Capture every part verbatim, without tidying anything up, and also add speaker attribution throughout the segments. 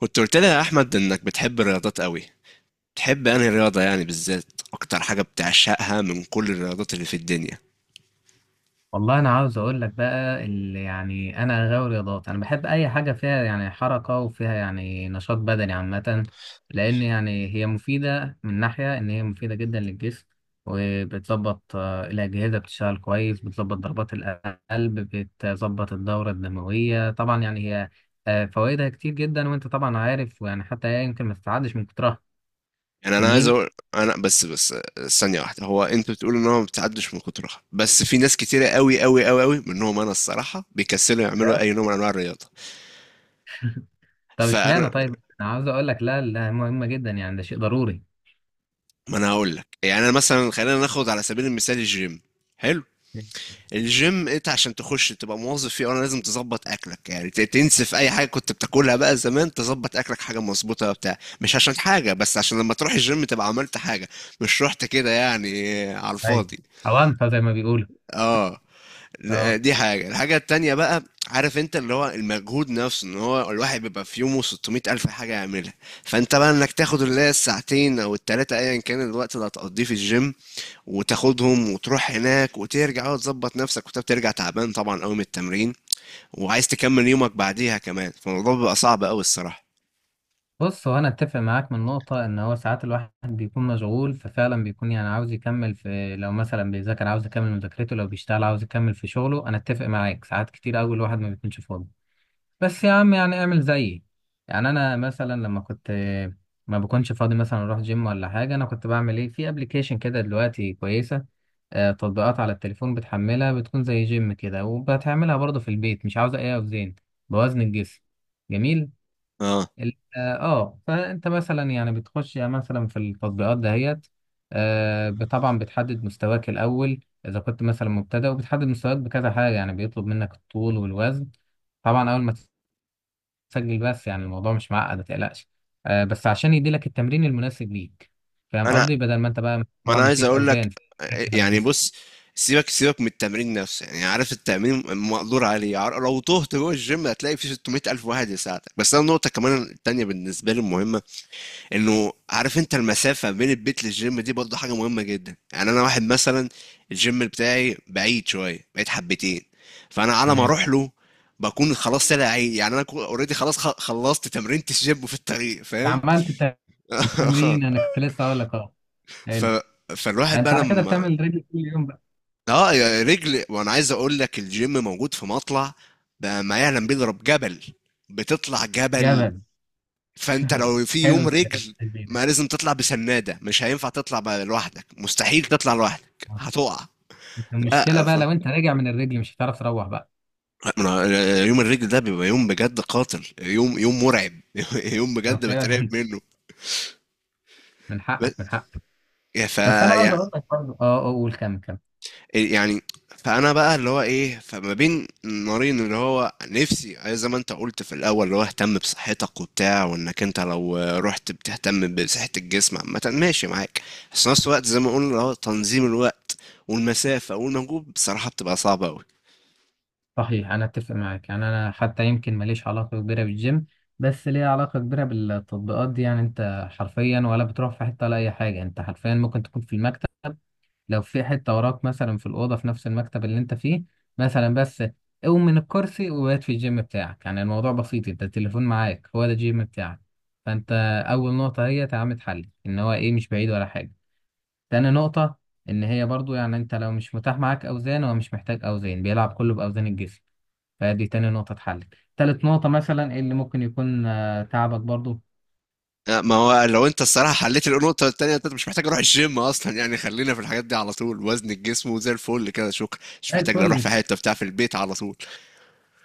Speaker 1: كنت قلت لي يا احمد انك بتحب الرياضات قوي. بتحب انهي رياضه، يعني بالذات اكتر حاجه بتعشقها من كل الرياضات اللي في الدنيا؟
Speaker 2: والله انا عاوز اقول لك بقى اللي يعني انا غاوي رياضات. انا بحب اي حاجه فيها يعني حركه وفيها يعني نشاط بدني عامه. لان يعني هي مفيده من ناحيه ان هي مفيده جدا للجسم. وبتظبط آه، الاجهزه بتشتغل كويس، بتظبط ضربات القلب، بتظبط الدوره الدمويه طبعا. يعني هي آه، فوائدها كتير جدا، وانت طبعا عارف، ويعني حتى هي يمكن ما تتعدش من كترها.
Speaker 1: يعني انا عايز
Speaker 2: جميل.
Speaker 1: اقول انا بس بس ثانيه واحده. هو انت بتقول ان هو ما بتعدش من كترها، بس في ناس كتيره قوي قوي قوي قوي منهم انا الصراحه بيكسلوا يعملوا اي نوع من انواع الرياضه.
Speaker 2: طب
Speaker 1: فانا،
Speaker 2: اشمعنى؟ طيب، انا عاوز اقول لك لا لا، مهمه جدا، يعني ده شيء ضروري.
Speaker 1: ما انا هقول لك، يعني انا مثلا خلينا ناخد على سبيل المثال الجيم. حلو. الجيم انت عشان تخش تبقى موظف فيه، أه، انا لازم تظبط اكلك، يعني ت- تنسف اي حاجه كنت بتاكلها بقى زمان، تظبط اكلك حاجه مظبوطه بتاع. مش عشان حاجه بس عشان لما تروح الجيم تبقى عملت حاجه، مش رحت كده يعني على
Speaker 2: ايوه،
Speaker 1: الفاضي.
Speaker 2: أوانطة زي ما بيقولوا.
Speaker 1: اه.
Speaker 2: اه.
Speaker 1: دي حاجه. الحاجه التانية بقى، عارف انت، اللي هو المجهود نفسه، ان هو الواحد بيبقى في يومه ستمائة ألف الف حاجه يعملها. فانت بقى انك تاخد اللي هي الساعتين او التلاته ايا كان الوقت اللي هتقضيه في الجيم، وتاخدهم وتروح هناك وترجع وتظبط نفسك، وانت بترجع تعبان طبعا قوي من التمرين، وعايز تكمل يومك بعديها كمان، فالموضوع بيبقى صعب قوي الصراحة.
Speaker 2: بص، هو انا اتفق معاك من نقطة ان هو ساعات الواحد بيكون مشغول، ففعلا بيكون يعني عاوز يكمل في، لو مثلا بيذاكر عاوز يكمل مذاكرته، لو بيشتغل عاوز يكمل في شغله. انا اتفق معاك ساعات كتير قوي الواحد ما بيكونش فاضي. بس يا عم يعني اعمل زيي. يعني انا مثلا لما كنت ما بكونش فاضي مثلا اروح جيم ولا حاجة، انا كنت بعمل ايه؟ في ابلكيشن كده دلوقتي كويسة. آه، تطبيقات على التليفون، بتحملها بتكون زي جيم كده، وبتعملها برضه في البيت، مش عاوزة أي أوزان، بوزن الجسم. جميل.
Speaker 1: اه.
Speaker 2: ال- اه آه، فأنت مثلا يعني بتخش يعني مثلا في التطبيقات دهيت. آه، ب- طبعا بتحدد مستواك الأول، إذا كنت مثلا مبتدئ، وبتحدد مستواك بكذا حاجة، يعني بيطلب منك الطول والوزن طبعا أول ما تسجل. بس يعني الموضوع مش معقد، ما تقلقش. آه، بس عشان يديلك التمرين المناسب ليك. فاهم
Speaker 1: انا،
Speaker 2: قصدي؟ بدل ما أنت بقى
Speaker 1: ما
Speaker 2: طبعا
Speaker 1: انا عايز
Speaker 2: مفيش
Speaker 1: اقول لك،
Speaker 2: أوزان، تركز على
Speaker 1: يعني
Speaker 2: الجسم.
Speaker 1: بص، سيبك سيبك من التمرين نفسه، يعني عارف التمرين مقدور عليه، عار- لو تهت جوه الجيم هتلاقي في 600 ألف واحد يساعدك. بس أنا النقطة كمان التانية بالنسبة لي المهمة، انه عارف انت المسافه بين البيت للجيم دي برضه حاجه مهمه جدا. يعني انا واحد مثلا الجيم بتاعي بعيد شويه، بعيد حبتين. فانا على ما
Speaker 2: تمام.
Speaker 1: اروح له بكون خلاص طلع عيد، يعني انا اوريدي خلاص خ- خلصت تمرينة الجيم في الطريق، فاهم؟
Speaker 2: عملت تمرين، انا كنت لسه اقول لك. اه،
Speaker 1: ف
Speaker 2: حلو. ده
Speaker 1: فالواحد
Speaker 2: انت
Speaker 1: بقى
Speaker 2: على كده
Speaker 1: لما،
Speaker 2: بتعمل رجل كل يوم بقى؟
Speaker 1: اه، يا رجل، وانا عايز اقول لك الجيم موجود في مطلع بقى ما يعلم به الا رب جبل. بتطلع جبل.
Speaker 2: جبل.
Speaker 1: فانت لو في
Speaker 2: حلو
Speaker 1: يوم رجل
Speaker 2: التشبيه ده.
Speaker 1: ما، لازم تطلع بسنادة، مش هينفع تطلع بقى لوحدك، مستحيل تطلع لوحدك
Speaker 2: آه.
Speaker 1: هتقع.
Speaker 2: المشكله
Speaker 1: لا.
Speaker 2: بقى
Speaker 1: ف...
Speaker 2: لو انت راجع من الرجل مش هتعرف تروح بقى.
Speaker 1: من يوم الرجل ده بيبقى يوم بجد قاتل، يوم، يوم مرعب. يوم
Speaker 2: آه،
Speaker 1: بجد بترعب
Speaker 2: فعلا.
Speaker 1: منه.
Speaker 2: من
Speaker 1: بس،
Speaker 2: حقك، من حقك.
Speaker 1: يا ف
Speaker 2: بس انا عاوز
Speaker 1: يا
Speaker 2: اقول لك برضه، اه آه، قول كم كم.
Speaker 1: إيه يعني. فانا بقى اللي هو ايه، فما بين نارين، اللي هو نفسي، أي زي ما انت قلت في الاول، اللي هو اهتم بصحتك وبتاع، وانك انت لو رحت بتهتم بصحة الجسم عامة ماشي معاك. بس في نفس الوقت زي ما قلنا اللي هو تنظيم الوقت والمسافة والمجهود بصراحة بتبقى صعبة قوي.
Speaker 2: صحيح، انا اتفق معاك يعني. انا حتى يمكن ماليش علاقه كبيره بالجيم، بس ليا علاقه كبيره بالتطبيقات دي. يعني انت حرفيا ولا بتروح في حته ولا اي حاجه، انت حرفيا ممكن تكون في المكتب. لو في حتة وراك مثلا، في الأوضة في نفس المكتب اللي أنت فيه مثلا، بس قوم من الكرسي وبات في الجيم بتاعك. يعني الموضوع بسيط، أنت التليفون معاك، هو ده الجيم بتاعك. فأنت أول نقطة هي تعمل اتحلل إن هو إيه مش بعيد ولا حاجة. تاني نقطة إن هي برضو يعني أنت لو مش متاح معاك أوزان، هو مش محتاج أوزان، بيلعب كله بأوزان الجسم. فدي تاني نقطة اتحلل. تالت نقطة مثلا إيه اللي ممكن يكون آه، تعبك برضو.
Speaker 1: ما هو لو انت الصراحة حليت النقطة التانية، انت مش محتاج اروح الجيم اصلا. يعني خلينا في الحاجات دي على طول، وزن الجسم وزي الفل كده، شكرا. مش محتاج لا
Speaker 2: الفل
Speaker 1: اروح في
Speaker 2: مش.
Speaker 1: حتة بتاع، في البيت على طول.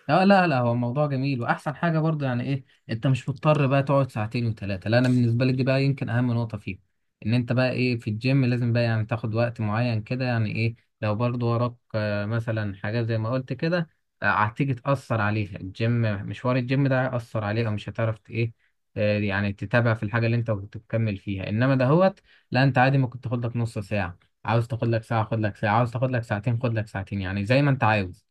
Speaker 2: اه، لا لا، هو الموضوع جميل، واحسن حاجه برضه يعني ايه، انت مش مضطر بقى تقعد ساعتين وثلاثه. لا، انا بالنسبه لي دي بقى يمكن اهم نقطه فيه. ان انت بقى ايه في الجيم لازم بقى يعني تاخد وقت معين كده يعني ايه. لو برضه وراك آه، مثلا حاجات زي ما قلت كده، آه، هتيجي تاثر عليها الجيم. مشوار الجيم ده هيأثر عليها، مش هتعرف ت- ايه، آه، يعني تتابع في الحاجه اللي انت كنت بتكمل فيها انما دهوت. لا، انت عادي ممكن تاخد لك نص ساعه، عاوز تاخد لك ساعه خد لك ساعه، عاوز تاخد لك ساعتين خد لك ساعتين، يعني زي ما انت عاوز.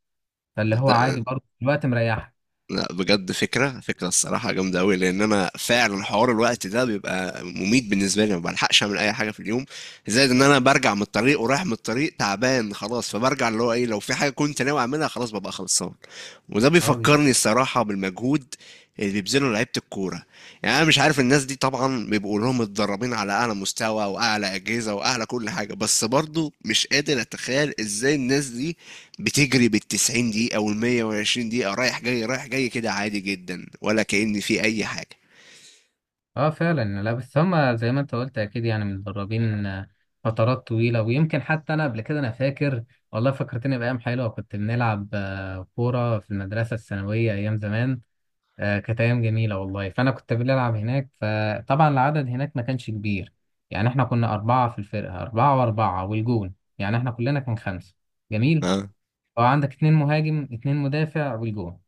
Speaker 2: فاللي هو عادي
Speaker 1: صدق.
Speaker 2: برضه الوقت مريحك.
Speaker 1: لا بجد، فكرة فكرة الصراحة جامدة أوي، لأن أنا فعلا حوار الوقت ده بيبقى مميت بالنسبة لي، ما بلحقش أعمل أي حاجة في اليوم. زائد إن أنا برجع من الطريق ورايح من الطريق تعبان خلاص، فبرجع اللي هو إيه، لو في حاجة كنت ناوي أعملها خلاص ببقى خلصان. وده
Speaker 2: اه بيبقى-
Speaker 1: بيفكرني الصراحة بالمجهود اللي بيبذله لعيبة الكورة. يعني أنا مش عارف، الناس دي طبعا بيبقوا لهم متدربين على أعلى مستوى وأعلى أجهزة وأعلى كل حاجة، بس برضو مش قادر أتخيل إزاي الناس دي بتجري بالتسعين دقيقة والمية وعشرين دقيقة رايح جاي رايح جاي كده عادي جدا ولا كأن في أي حاجة.
Speaker 2: اه، فعلا. لا بس هما زي ما انت قلت اكيد، يعني متدربين آه، فترات طويله. ويمكن حتى انا قبل كده انا فاكر، والله فكرتني بايام حلوه. كنت بنلعب آه، كوره في المدرسه الثانويه، ايام زمان. آه، كانت ايام جميله والله. فانا كنت بنلعب هناك، فطبعا العدد هناك ما كانش كبير، يعني احنا كنا اربعه في الفرقه، اربعه واربعه والجون، يعني احنا كلنا كان خمسه. جميل.
Speaker 1: اه.
Speaker 2: اه، عندك اتنين مهاجم، اتنين مدافع، والجون.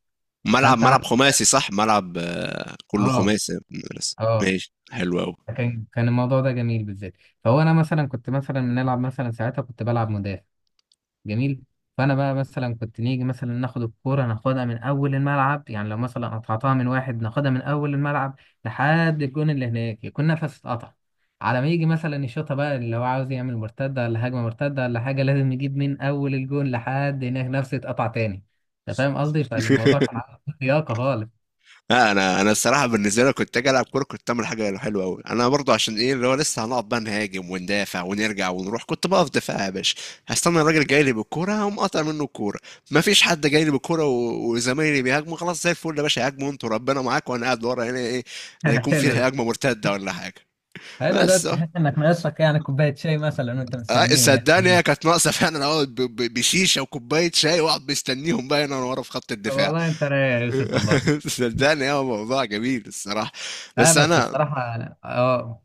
Speaker 1: ملعب
Speaker 2: فانت
Speaker 1: ملعب
Speaker 2: عندك.
Speaker 1: خماسي صح، ملعب آه، كله
Speaker 2: اه.
Speaker 1: خماسي. بس
Speaker 2: اه،
Speaker 1: ماشي حلو أوي.
Speaker 2: كان كان الموضوع ده جميل بالذات. فهو انا مثلا كنت مثلا بنلعب مثلا ساعتها كنت بلعب مدافع. جميل. فانا بقى مثلا كنت نيجي مثلا ناخد الكوره، ناخدها من اول الملعب، يعني لو مثلا قطعتها من واحد، ناخدها من اول الملعب لحد الجون اللي هناك، يكون نفس اتقطع. على ما يجي مثلا يشوطها بقى اللي هو عاوز يعمل مرتده ولا هجمه مرتده ولا حاجه، لازم يجيب من اول الجون لحد هناك، نفس اتقطع تاني. انت فاهم قصدي؟ فالموضوع كان عنده لياقه خالص.
Speaker 1: لا، انا انا الصراحه بالنسبه لي كنت اجي العب كوره كنت اعمل حاجه حلوه قوي. انا برضو عشان ايه، اللي هو لسه هنقعد بقى نهاجم وندافع ونرجع ونروح، كنت بقف دفاع يا باشا. هستنى الراجل جاي لي بالكوره هقوم قاطع منه الكوره. ما فيش حد جاي لي بالكوره و- وزمايلي بيهاجموا خلاص، زي الفل يا باشا، هاجموا انتوا ربنا معاك وانا قاعد ورا هنا. ايه، لا يكون في
Speaker 2: حلو ده.
Speaker 1: هجمه مرتده ولا حاجه.
Speaker 2: حلو ده.
Speaker 1: بس أهو.
Speaker 2: تحس انك ناقصك يعني كوبايه شاي مثلا وانت
Speaker 1: آه،
Speaker 2: مستنيهم
Speaker 1: صدقني
Speaker 2: يعني.
Speaker 1: هي كانت ناقصه فعلا، اقعد ب- ب- بشيشه وكوبايه شاي، واقعد مستنيهم بقى هنا ورا في خط الدفاع.
Speaker 2: والله انت رايق يا يوسف والله.
Speaker 1: صدقني هو موضوع جميل الصراحه.
Speaker 2: لا،
Speaker 1: بس
Speaker 2: بس
Speaker 1: انا
Speaker 2: بصراحة أنا- اه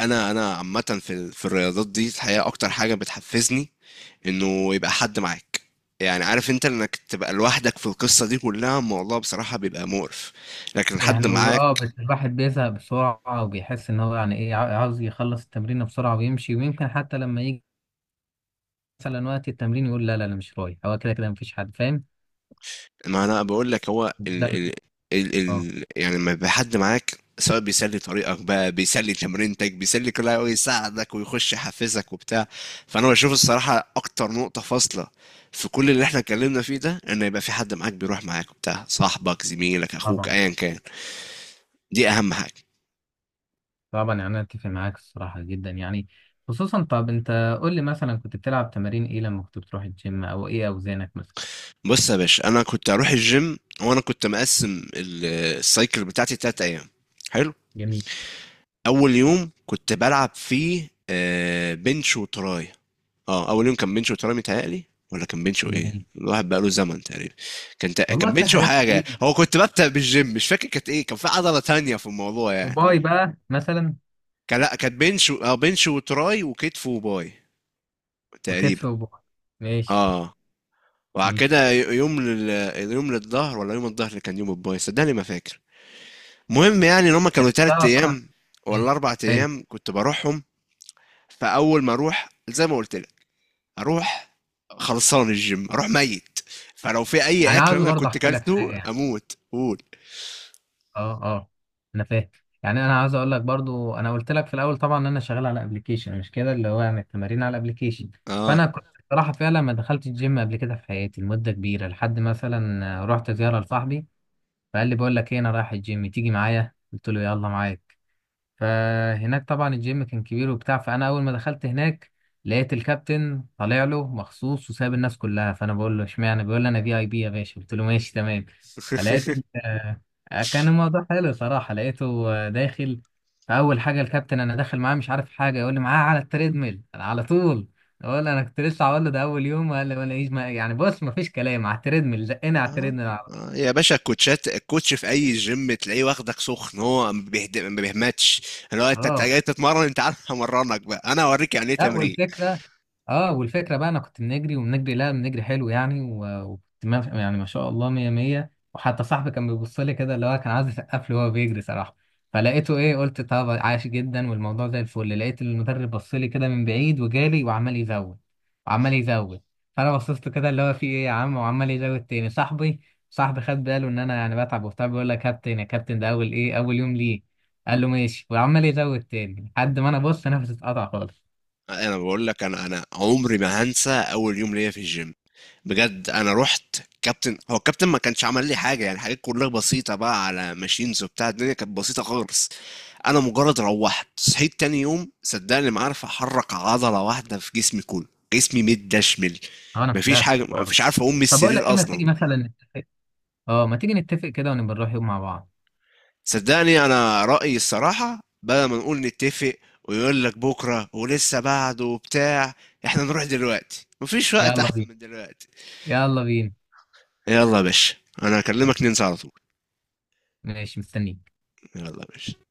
Speaker 1: انا انا عامه في ال- في الرياضات دي الحقيقه اكتر حاجه بتحفزني انه يبقى حد معاك. يعني عارف انت انك تبقى لوحدك في القصه دي كلها الموضوع بصراحه بيبقى مقرف، لكن حد
Speaker 2: يعني وب- اه
Speaker 1: معاك.
Speaker 2: بس الواحد بيزهق بسرعة، وبيحس ان هو يعني ايه عا- عاوز يخلص التمرين بسرعة ويمشي. ويمكن حتى لما يجي مثلا وقت التمرين يقول لا لا انا مش رايح، هو كده كده مفيش حد فاهم.
Speaker 1: ما انا بقول لك، هو
Speaker 2: ده
Speaker 1: ال ال
Speaker 2: اللي-
Speaker 1: ال
Speaker 2: اه
Speaker 1: ال يعني لما يبقى حد معاك، سواء بيسلي طريقك بقى، بيسلي تمرينتك، بيسلي كل حاجه، ويساعدك ويخش يحفزك وبتاع. فانا بشوف الصراحه اكتر نقطه فاصله في كل اللي احنا اتكلمنا فيه ده ان يبقى في حد معاك بيروح معاك وبتاع، صاحبك، زميلك، اخوك،
Speaker 2: طبعا
Speaker 1: ايا كان. دي اهم حاجه.
Speaker 2: طبعا. يعني انا اتفق معاك الصراحة جدا يعني. خصوصا، طب انت قول لي مثلا كنت بتلعب تمارين ايه لما كنت بتروح الجيم، او ايه اوزانك مثلا؟
Speaker 1: بص يا باشا، انا كنت هروح الجيم وانا كنت مقسم ال- السايكل بتاعتي تلات ايام. حلو.
Speaker 2: جميل
Speaker 1: اول يوم كنت بلعب فيه آه، بنش وتراي. اه، اول يوم كان بنش وتراي متهيألي، ولا كان بنش وايه؟
Speaker 2: جميل.
Speaker 1: الواحد بقاله زمن تقريبا. كان، تق- كان
Speaker 2: والله في
Speaker 1: بنش
Speaker 2: حاجات
Speaker 1: وحاجه،
Speaker 2: كتير.
Speaker 1: هو كنت ببدأ بالجيم مش فاكر كانت ايه، كان في عضله تانية في الموضوع يعني.
Speaker 2: وباي بقى مثلا.
Speaker 1: كان، لا، كانت بنش و- اه بنش وتراي وكتف وباي
Speaker 2: وكتف
Speaker 1: تقريبا.
Speaker 2: وباي، ماشي.
Speaker 1: اه. وبعد
Speaker 2: ماشي.
Speaker 1: كده، ي- يوم لل... يوم للظهر، ولا يوم الظهر اللي كان يوم الباي، صدقني ما فاكر. مهم، يعني ان هم كانوا
Speaker 2: انت
Speaker 1: تلات
Speaker 2: تعرف انا.
Speaker 1: ايام ولا
Speaker 2: ماشي.
Speaker 1: اربع
Speaker 2: حلو.
Speaker 1: ايام كنت بروحهم. فاول ما اروح زي ما قلت لك، اروح خلصان الجيم، اروح ميت، فلو في اي
Speaker 2: انا
Speaker 1: اكل
Speaker 2: عاوز
Speaker 1: انا
Speaker 2: برضه
Speaker 1: كنت
Speaker 2: احكي لك
Speaker 1: كلته
Speaker 2: حاجه يعني.
Speaker 1: اموت قول.
Speaker 2: اه، اه، انا فاهم. يعني انا عاوز اقول لك برضه، انا قلت لك في الاول طبعا ان انا شغال على ابلكيشن مش كده، اللي هو يعني التمارين على ابلكيشن.
Speaker 1: اه.
Speaker 2: فانا كنت بصراحه فعلا ما دخلت الجيم قبل كده في حياتي لمده كبيره، لحد مثلا رحت زياره لصاحبي. فقال لي بقول لك ايه، انا رايح الجيم تيجي معايا، قلت له يلا معايا. فهناك طبعا الجيم كان كبير وبتاع، فانا اول ما دخلت هناك لقيت الكابتن طالع له مخصوص وساب الناس كلها. فانا بقول له اشمعنى؟ بيقول لي انا في اي بي يا باشا، قلت له ماشي تمام. فلقيت ال- آه، كان الموضوع حلو صراحه، لقيته آه، داخل. فاول حاجه الكابتن انا داخل معاه مش عارف حاجه، يقول لي معاه على التريدميل انا على طول. اقول له انا كنت لسه هقول له ده اول يوم، قال لي ولا ايش ما يعني، بص ما فيش كلام، على التريدميل زقنا على
Speaker 1: آه.
Speaker 2: التريدميل على- طول.
Speaker 1: آه. يا باشا، الكوتشات، الكوتش في اي جيم تلاقيه واخدك سخن، هو ما بيهد- ما بيهمتش، اللي هو انت أنت
Speaker 2: اه.
Speaker 1: جاي تتمرن، انت عارف همرنك بقى، انا اوريك يعني ايه
Speaker 2: لا،
Speaker 1: تمرين.
Speaker 2: والفكره، اه والفكره بقى انا كنت بنجري وبنجري لا بنجري حلو يعني، و- وكنت ما يعني ما شاء الله مية مية. وحتى صاحبي كان بيبص لي كده اللي هو كان عايز يسقف لي وهو بيجري صراحه. فلقيته ايه قلت طب عاش جدا، والموضوع زي الفل. لقيت المدرب بص لي كده من بعيد وجالي، وعمال يزود وعمال يزود. فانا بصيت له كده اللي هو في ايه يا عم، وعمال يزود تاني. صاحبي صاحبي خد باله ان انا يعني بتعب وبتاع، بيقول لك كابتن يا كابتن ده اول ايه اول يوم ليه، قال له ماشي وعمال يزود تاني لحد ما انا بص نفسي اتقطع خالص.
Speaker 1: انا بقول لك، انا انا عمري ما هنسى اول يوم ليا في الجيم. بجد، انا رحت كابتن، هو الكابتن ما كانش عمل لي حاجه، يعني حاجات كلها بسيطه بقى على ماشينز وبتاع، الدنيا كانت بسيطه خالص. انا مجرد روحت صحيت تاني يوم صدقني ما عارف احرك عضله واحده في جسمي كله، جسمي متدشمل،
Speaker 2: هو انا
Speaker 1: مفيش
Speaker 2: مصدقك في
Speaker 1: حاجه،
Speaker 2: الحوار ده.
Speaker 1: مفيش، عارف اقوم من
Speaker 2: طب اقول لك
Speaker 1: السرير
Speaker 2: ايه، ما
Speaker 1: اصلا.
Speaker 2: تيجي مثلا نتفق؟ اه، ما تيجي نتفق كده ونبقى نروح يوم مع بعض.
Speaker 1: صدقني انا رايي الصراحه، بدل ما نقول نتفق ويقول لك بكره ولسه بعده وبتاع، احنا نروح دلوقتي، مفيش وقت
Speaker 2: يلا
Speaker 1: احسن
Speaker 2: بينا،
Speaker 1: من دلوقتي.
Speaker 2: يلا بينا.
Speaker 1: يلا يا باشا. انا هكلمك ننسى على طول.
Speaker 2: ماشي مستنيك.
Speaker 1: يلا يا باشا.